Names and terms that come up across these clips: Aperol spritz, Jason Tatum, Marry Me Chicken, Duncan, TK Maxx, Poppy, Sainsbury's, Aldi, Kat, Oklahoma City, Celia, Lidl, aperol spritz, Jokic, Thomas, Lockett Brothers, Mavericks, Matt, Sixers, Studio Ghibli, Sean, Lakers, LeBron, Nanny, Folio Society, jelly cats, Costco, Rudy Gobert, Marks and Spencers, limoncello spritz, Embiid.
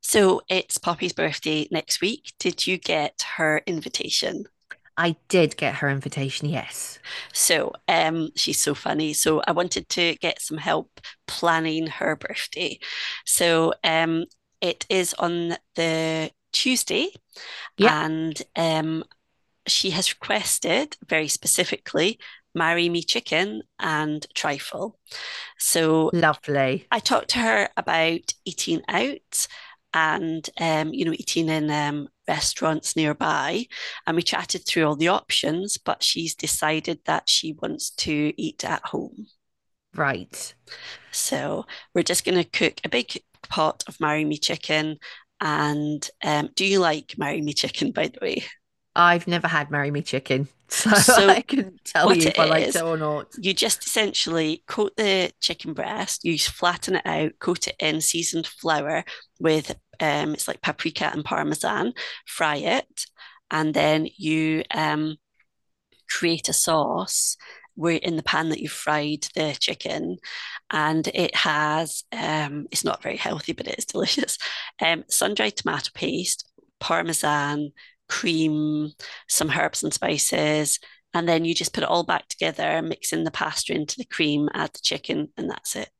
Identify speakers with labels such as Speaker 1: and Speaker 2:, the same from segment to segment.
Speaker 1: So it's Poppy's birthday next week. Did you get her invitation?
Speaker 2: I did get her invitation, yes.
Speaker 1: So she's so funny. So I wanted to get some help planning her birthday. So it is on the Tuesday,
Speaker 2: Yep,
Speaker 1: and she has requested very specifically marry me chicken and trifle. So
Speaker 2: lovely.
Speaker 1: I talked to her about eating out and eating in restaurants nearby, and we chatted through all the options, but she's decided that she wants to eat at home,
Speaker 2: Right.
Speaker 1: so we're just going to cook a big pot of marry me chicken. And do you like marry me chicken, by the way?
Speaker 2: I've never had Marry Me Chicken, so
Speaker 1: So
Speaker 2: I couldn't tell
Speaker 1: what
Speaker 2: you
Speaker 1: it
Speaker 2: if I liked it
Speaker 1: is,
Speaker 2: or not.
Speaker 1: you just essentially coat the chicken breast, you flatten it out, coat it in seasoned flour with it's like paprika and parmesan, fry it, and then you create a sauce, where in the pan that you fried the chicken, and it has it's not very healthy but it's delicious, sun-dried tomato paste, parmesan, cream, some herbs and spices, and then you just put it all back together, mix in the pasta into the cream, add the chicken, and that's it.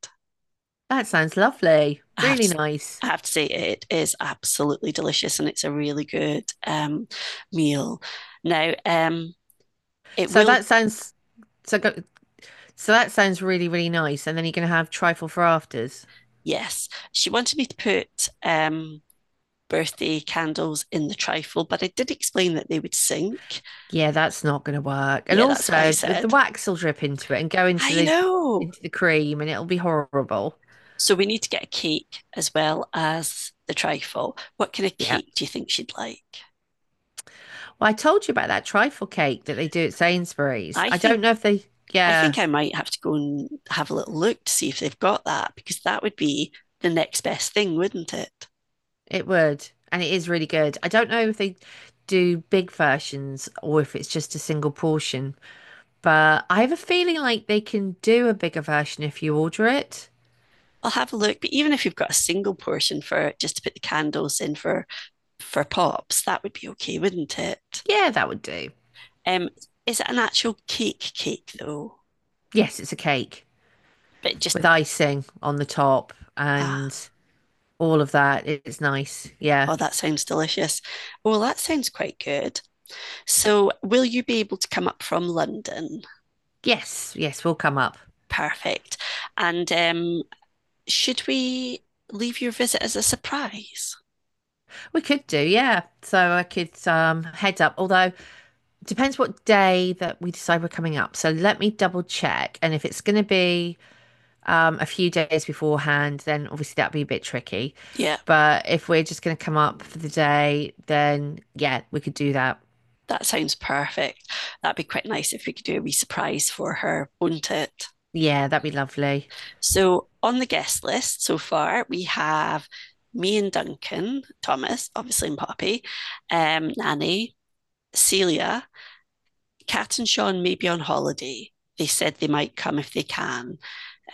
Speaker 2: That sounds lovely.
Speaker 1: i have
Speaker 2: Really
Speaker 1: to
Speaker 2: nice.
Speaker 1: I have to say, it is absolutely delicious, and it's a really good meal. Now, it
Speaker 2: So
Speaker 1: will
Speaker 2: that sounds so go, so that sounds really, really nice. And then you're gonna have trifle for afters.
Speaker 1: yes, she wanted me to put birthday candles in the trifle, but I did explain that they would sink.
Speaker 2: Yeah, that's not gonna work. And
Speaker 1: Yeah, that's what I
Speaker 2: also the
Speaker 1: said.
Speaker 2: wax will drip into it and go into
Speaker 1: I
Speaker 2: the
Speaker 1: know.
Speaker 2: into the cream and it'll be horrible.
Speaker 1: So we need to get a cake as well as the trifle. What kind of
Speaker 2: Yeah.
Speaker 1: cake do you think she'd like?
Speaker 2: Well, I told you about that trifle cake that they do at Sainsbury's.
Speaker 1: I
Speaker 2: I don't
Speaker 1: think
Speaker 2: know if they,
Speaker 1: I
Speaker 2: Yeah,
Speaker 1: think I might have to go and have a little look to see if they've got that, because that would be the next best thing, wouldn't it?
Speaker 2: it would, and it is really good. I don't know if they do big versions or if it's just a single portion, but I have a feeling like they can do a bigger version if you order it.
Speaker 1: I'll have a look, but even if you've got a single portion for just to put the candles in for Pops, that would be okay, wouldn't it?
Speaker 2: Yeah, that would do.
Speaker 1: Um, is it an actual cake cake though?
Speaker 2: Yes, it's a cake
Speaker 1: But just
Speaker 2: with icing on the top
Speaker 1: ah,
Speaker 2: and all of that. It's nice. Yeah.
Speaker 1: oh, that sounds delicious. Well, that sounds quite good. So, will you be able to come up from London?
Speaker 2: Yes, yes, we'll come up.
Speaker 1: Perfect. And should we leave your visit as a surprise?
Speaker 2: We could do, yeah. So I could head up. Although it depends what day that we decide we're coming up. So let me double check. And if it's gonna be a few days beforehand, then obviously that'd be a bit tricky.
Speaker 1: Yeah,
Speaker 2: But if we're just going to come up for the day, then yeah, we could do that.
Speaker 1: that sounds perfect. That'd be quite nice if we could do a wee surprise for her, wouldn't it?
Speaker 2: Yeah, that'd be lovely.
Speaker 1: So, on the guest list so far, we have me and Duncan, Thomas, obviously, and Poppy, Nanny, Celia. Kat and Sean may be on holiday. They said they might come if they can.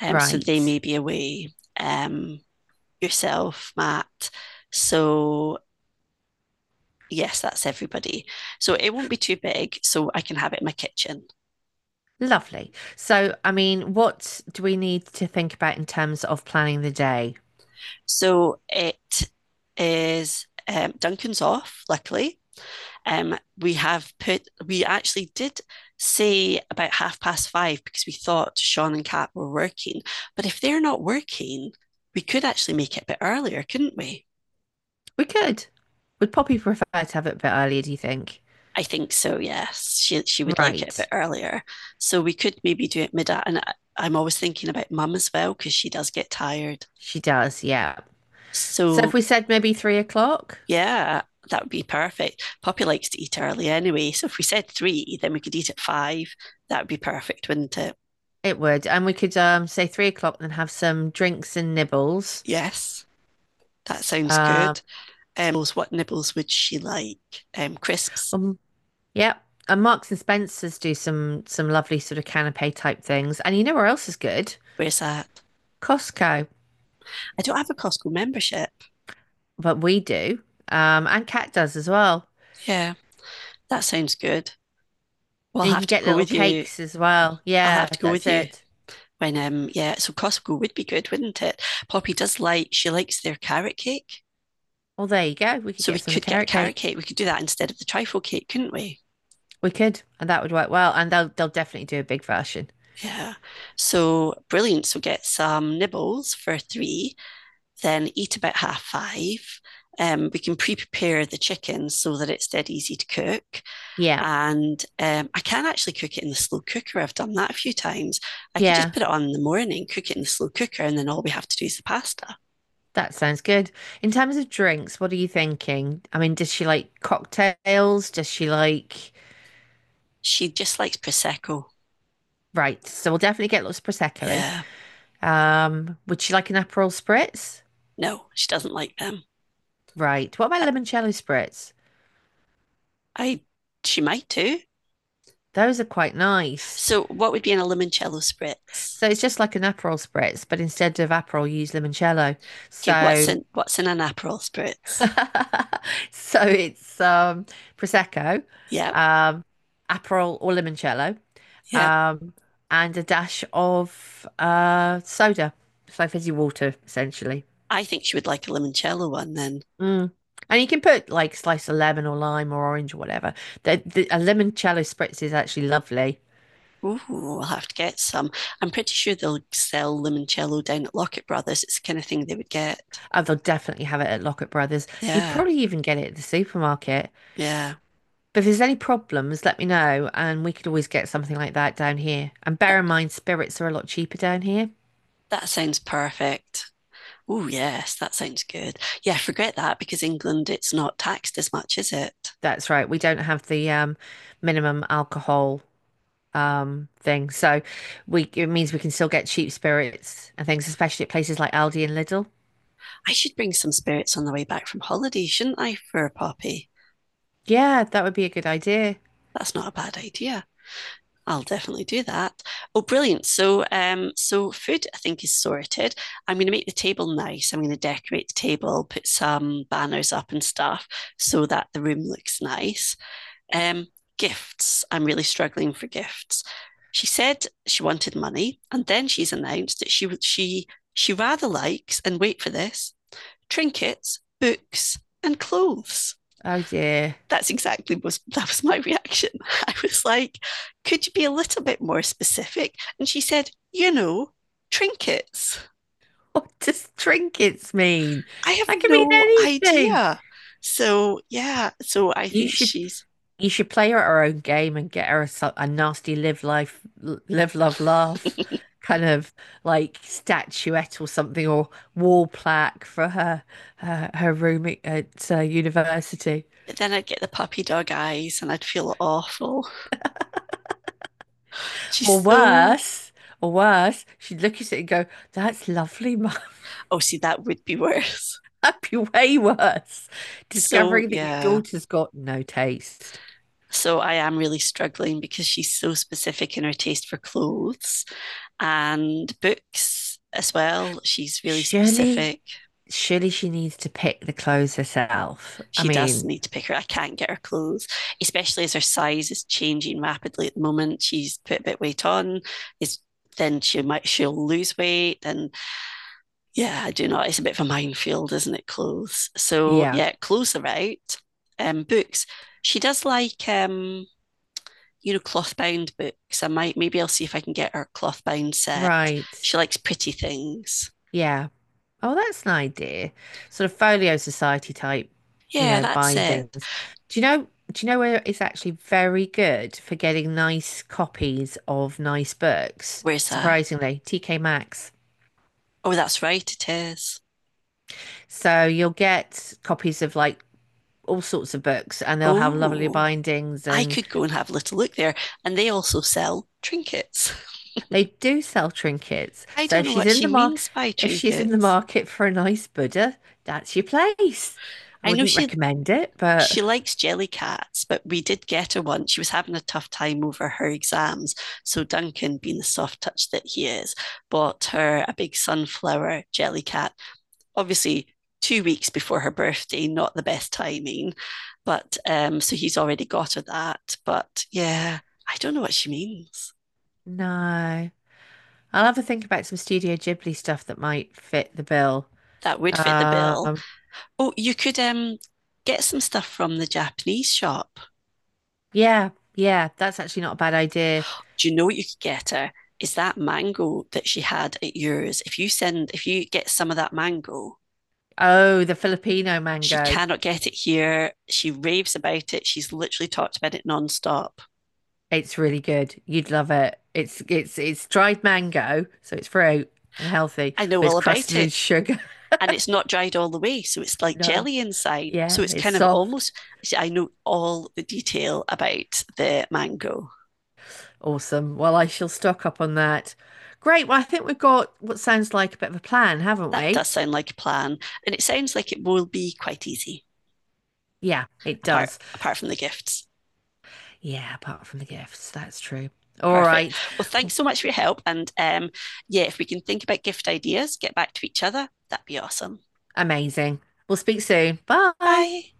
Speaker 1: So they
Speaker 2: Right.
Speaker 1: may be away. Yourself, Matt. So yes, that's everybody. So it won't be too big, so I can have it in my kitchen.
Speaker 2: Lovely. So, I mean, what do we need to think about in terms of planning the day?
Speaker 1: So it is Duncan's off, luckily. We actually did say about half past five because we thought Sean and Kat were working. But if they're not working, we could actually make it a bit earlier, couldn't we?
Speaker 2: We could. Would Poppy prefer to have it a bit earlier, do you think?
Speaker 1: I think so, yes. She would like it a bit
Speaker 2: Right.
Speaker 1: earlier. So we could maybe do it mid and I'm always thinking about mum as well, because she does get tired.
Speaker 2: She does, yeah. So if
Speaker 1: So
Speaker 2: we said maybe 3 o'clock,
Speaker 1: yeah, that would be perfect. Poppy likes to eat early anyway. So if we said three, then we could eat at five. That would be perfect, wouldn't it?
Speaker 2: it would. And we could say 3 o'clock and have some drinks and nibbles.
Speaker 1: Yes. That sounds good.
Speaker 2: Um,
Speaker 1: What nibbles would she like? Crisps.
Speaker 2: well, Yep. And Marks and Spencers do some lovely sort of canapé type things. And you know where else is good?
Speaker 1: Where's that?
Speaker 2: Costco.
Speaker 1: I don't have a Costco membership.
Speaker 2: But we do. And Cat does as well.
Speaker 1: Yeah, that sounds good. Well, I'll
Speaker 2: And you
Speaker 1: have
Speaker 2: can
Speaker 1: to
Speaker 2: get
Speaker 1: go
Speaker 2: little
Speaker 1: with you.
Speaker 2: cakes as well.
Speaker 1: I'll have
Speaker 2: Yeah,
Speaker 1: to go with
Speaker 2: that's
Speaker 1: you.
Speaker 2: it.
Speaker 1: When yeah, so Costco would be good, wouldn't it? Poppy does like she likes their carrot cake,
Speaker 2: Well, there you go. We could
Speaker 1: so we
Speaker 2: get some of the
Speaker 1: could get a
Speaker 2: carrot cake.
Speaker 1: carrot cake. We could do that instead of the trifle cake, couldn't we?
Speaker 2: We could, and that would work well. And they'll definitely do a big version.
Speaker 1: Yeah. So brilliant. So get some nibbles for three, then eat about half five. We can pre-prepare the chicken so that it's dead easy to cook,
Speaker 2: Yeah.
Speaker 1: and I can actually cook it in the slow cooker. I've done that a few times. I could just
Speaker 2: Yeah.
Speaker 1: put it on in the morning, cook it in the slow cooker, and then all we have to do is the pasta.
Speaker 2: That sounds good. In terms of drinks, what are you thinking? I mean, does she like cocktails? Does she like?
Speaker 1: She just likes prosecco.
Speaker 2: Right, so we'll definitely get lots of prosecco in.
Speaker 1: Yeah,
Speaker 2: Would you like an Aperol spritz?
Speaker 1: no, she doesn't like them.
Speaker 2: Right. What
Speaker 1: I,
Speaker 2: about limoncello spritz?
Speaker 1: I she might do.
Speaker 2: Those are quite nice.
Speaker 1: So, what would be in a limoncello spritz?
Speaker 2: So it's just like an Aperol spritz, but instead of Aperol, you use limoncello.
Speaker 1: Okay, what's
Speaker 2: So,
Speaker 1: in what's in an Aperol spritz?
Speaker 2: so it's prosecco,
Speaker 1: Yeah,
Speaker 2: um, Aperol or limoncello,
Speaker 1: yeah.
Speaker 2: um, and a dash of soda. It's like fizzy water, essentially.
Speaker 1: I think she would like a limoncello one then.
Speaker 2: Mm. And you can put like slice of lemon or lime or orange or whatever. A limoncello spritz is actually lovely.
Speaker 1: Ooh, I'll have to get some. I'm pretty sure they'll sell limoncello down at Lockett Brothers. It's the kind of thing they would get.
Speaker 2: And they'll definitely have it at Lockett Brothers. You'd
Speaker 1: Yeah,
Speaker 2: probably even get it at the supermarket.
Speaker 1: yeah.
Speaker 2: But if there's any problems, let me know, and we could always get something like that down here. And bear
Speaker 1: That
Speaker 2: in mind, spirits are a lot cheaper down here.
Speaker 1: that sounds perfect. Oh yes, that sounds good. Yeah, forget that, because England, it's not taxed as much, is it?
Speaker 2: That's right. We don't have the minimum alcohol thing, so we it means we can still get cheap spirits and things, especially at places like Aldi and Lidl.
Speaker 1: I should bring some spirits on the way back from holiday, shouldn't I, for a Poppy?
Speaker 2: Yeah, that would be a good idea.
Speaker 1: That's not a bad idea. I'll definitely do that. Oh, brilliant. So food, I think, is sorted. I'm going to make the table nice. I'm going to decorate the table, put some banners up and stuff so that the room looks nice. Um, gifts. I'm really struggling for gifts. She said she wanted money, and then she's announced that she would she rather likes, and wait for this, trinkets, books, and clothes.
Speaker 2: Oh dear.
Speaker 1: That's exactly was That was my reaction. I was like, could you be a little bit more specific? And she said, trinkets.
Speaker 2: What does trinkets mean?
Speaker 1: I have
Speaker 2: That can mean
Speaker 1: no
Speaker 2: anything.
Speaker 1: idea. So yeah, so I
Speaker 2: You
Speaker 1: think
Speaker 2: should
Speaker 1: she's
Speaker 2: You should play her our own game and get her a, a nasty live life, live, love, laugh
Speaker 1: but
Speaker 2: kind of like statuette or something or wall plaque for her her room at university.
Speaker 1: then I'd get the puppy dog eyes and I'd feel awful. She's
Speaker 2: Or
Speaker 1: so
Speaker 2: worse, or worse, she'd look at it and go, "That's lovely, Mum."
Speaker 1: Oh, see, that would be worse.
Speaker 2: That'd be way worse.
Speaker 1: So
Speaker 2: Discovering that your
Speaker 1: yeah.
Speaker 2: daughter's got no taste.
Speaker 1: So I am really struggling because she's so specific in her taste for clothes, and books as well. She's really
Speaker 2: Surely,
Speaker 1: specific.
Speaker 2: surely she needs to pick the clothes herself. I
Speaker 1: She does
Speaker 2: mean,
Speaker 1: need to pick her. I can't get her clothes, especially as her size is changing rapidly at the moment. She's put a bit of weight on. Is Then she'll lose weight, and yeah, I do not. It's a bit of a minefield, isn't it? Clothes. So
Speaker 2: yeah,
Speaker 1: yeah, clothes are right. Books. She does like cloth bound books. I might Maybe I'll see if I can get her cloth bound set.
Speaker 2: right.
Speaker 1: She likes pretty things.
Speaker 2: Yeah. Oh, that's an idea. Sort of folio society type, you
Speaker 1: Yeah,
Speaker 2: know,
Speaker 1: that's it.
Speaker 2: bindings. Do you know, do you know where it's actually very good for getting nice copies of nice books?
Speaker 1: Where's that?
Speaker 2: Surprisingly, TK Maxx.
Speaker 1: Oh, that's right, it is.
Speaker 2: So you'll get copies of like all sorts of books and they'll have lovely
Speaker 1: Oh,
Speaker 2: bindings
Speaker 1: I
Speaker 2: and
Speaker 1: could go and have a little look there. And they also sell trinkets.
Speaker 2: they do sell trinkets.
Speaker 1: I
Speaker 2: So
Speaker 1: don't
Speaker 2: if
Speaker 1: know
Speaker 2: she's
Speaker 1: what
Speaker 2: in
Speaker 1: she
Speaker 2: the market,
Speaker 1: means by
Speaker 2: If she's in the
Speaker 1: trinkets.
Speaker 2: market for a nice Buddha, that's your place. I
Speaker 1: I know
Speaker 2: wouldn't
Speaker 1: she
Speaker 2: recommend it, but
Speaker 1: she likes jelly cats, but we did get her one. She was having a tough time over her exams. So Duncan, being the soft touch that he is, bought her a big sunflower jelly cat, obviously 2 weeks before her birthday, not the best timing. But so he's already got her that. But yeah, I don't know what she means.
Speaker 2: no. I'll have a think about some Studio Ghibli stuff that might fit the bill.
Speaker 1: That would fit the bill.
Speaker 2: Um,
Speaker 1: Oh, you could get some stuff from the Japanese shop.
Speaker 2: yeah, yeah, that's actually not a bad idea.
Speaker 1: Do you know what you could get her? Is that mango that she had at yours? If you get some of that mango,
Speaker 2: Oh, the Filipino
Speaker 1: she
Speaker 2: mango.
Speaker 1: cannot get it here. She raves about it. She's literally talked about it nonstop.
Speaker 2: It's really good. You'd love it. It's dried mango, so it's fruit and healthy,
Speaker 1: I know
Speaker 2: but it's
Speaker 1: all about
Speaker 2: crusted in
Speaker 1: it,
Speaker 2: sugar.
Speaker 1: and it's not dried all the way. So it's like
Speaker 2: No,
Speaker 1: jelly inside. So
Speaker 2: yeah,
Speaker 1: it's
Speaker 2: it's
Speaker 1: kind of
Speaker 2: soft.
Speaker 1: almost, I know all the detail about the mango.
Speaker 2: Awesome. Well, I shall stock up on that. Great. Well, I think we've got what sounds like a bit of a plan, haven't
Speaker 1: That does
Speaker 2: we?
Speaker 1: sound like a plan. And it sounds like it will be quite easy,
Speaker 2: Yeah, it
Speaker 1: apart
Speaker 2: does.
Speaker 1: apart from the gifts.
Speaker 2: Yeah, apart from the gifts, that's true. All
Speaker 1: Perfect.
Speaker 2: right.
Speaker 1: Well, thanks so much for your help. And yeah, if we can think about gift ideas, get back to each other, that'd be awesome.
Speaker 2: Amazing. We'll speak soon. Bye.
Speaker 1: Bye.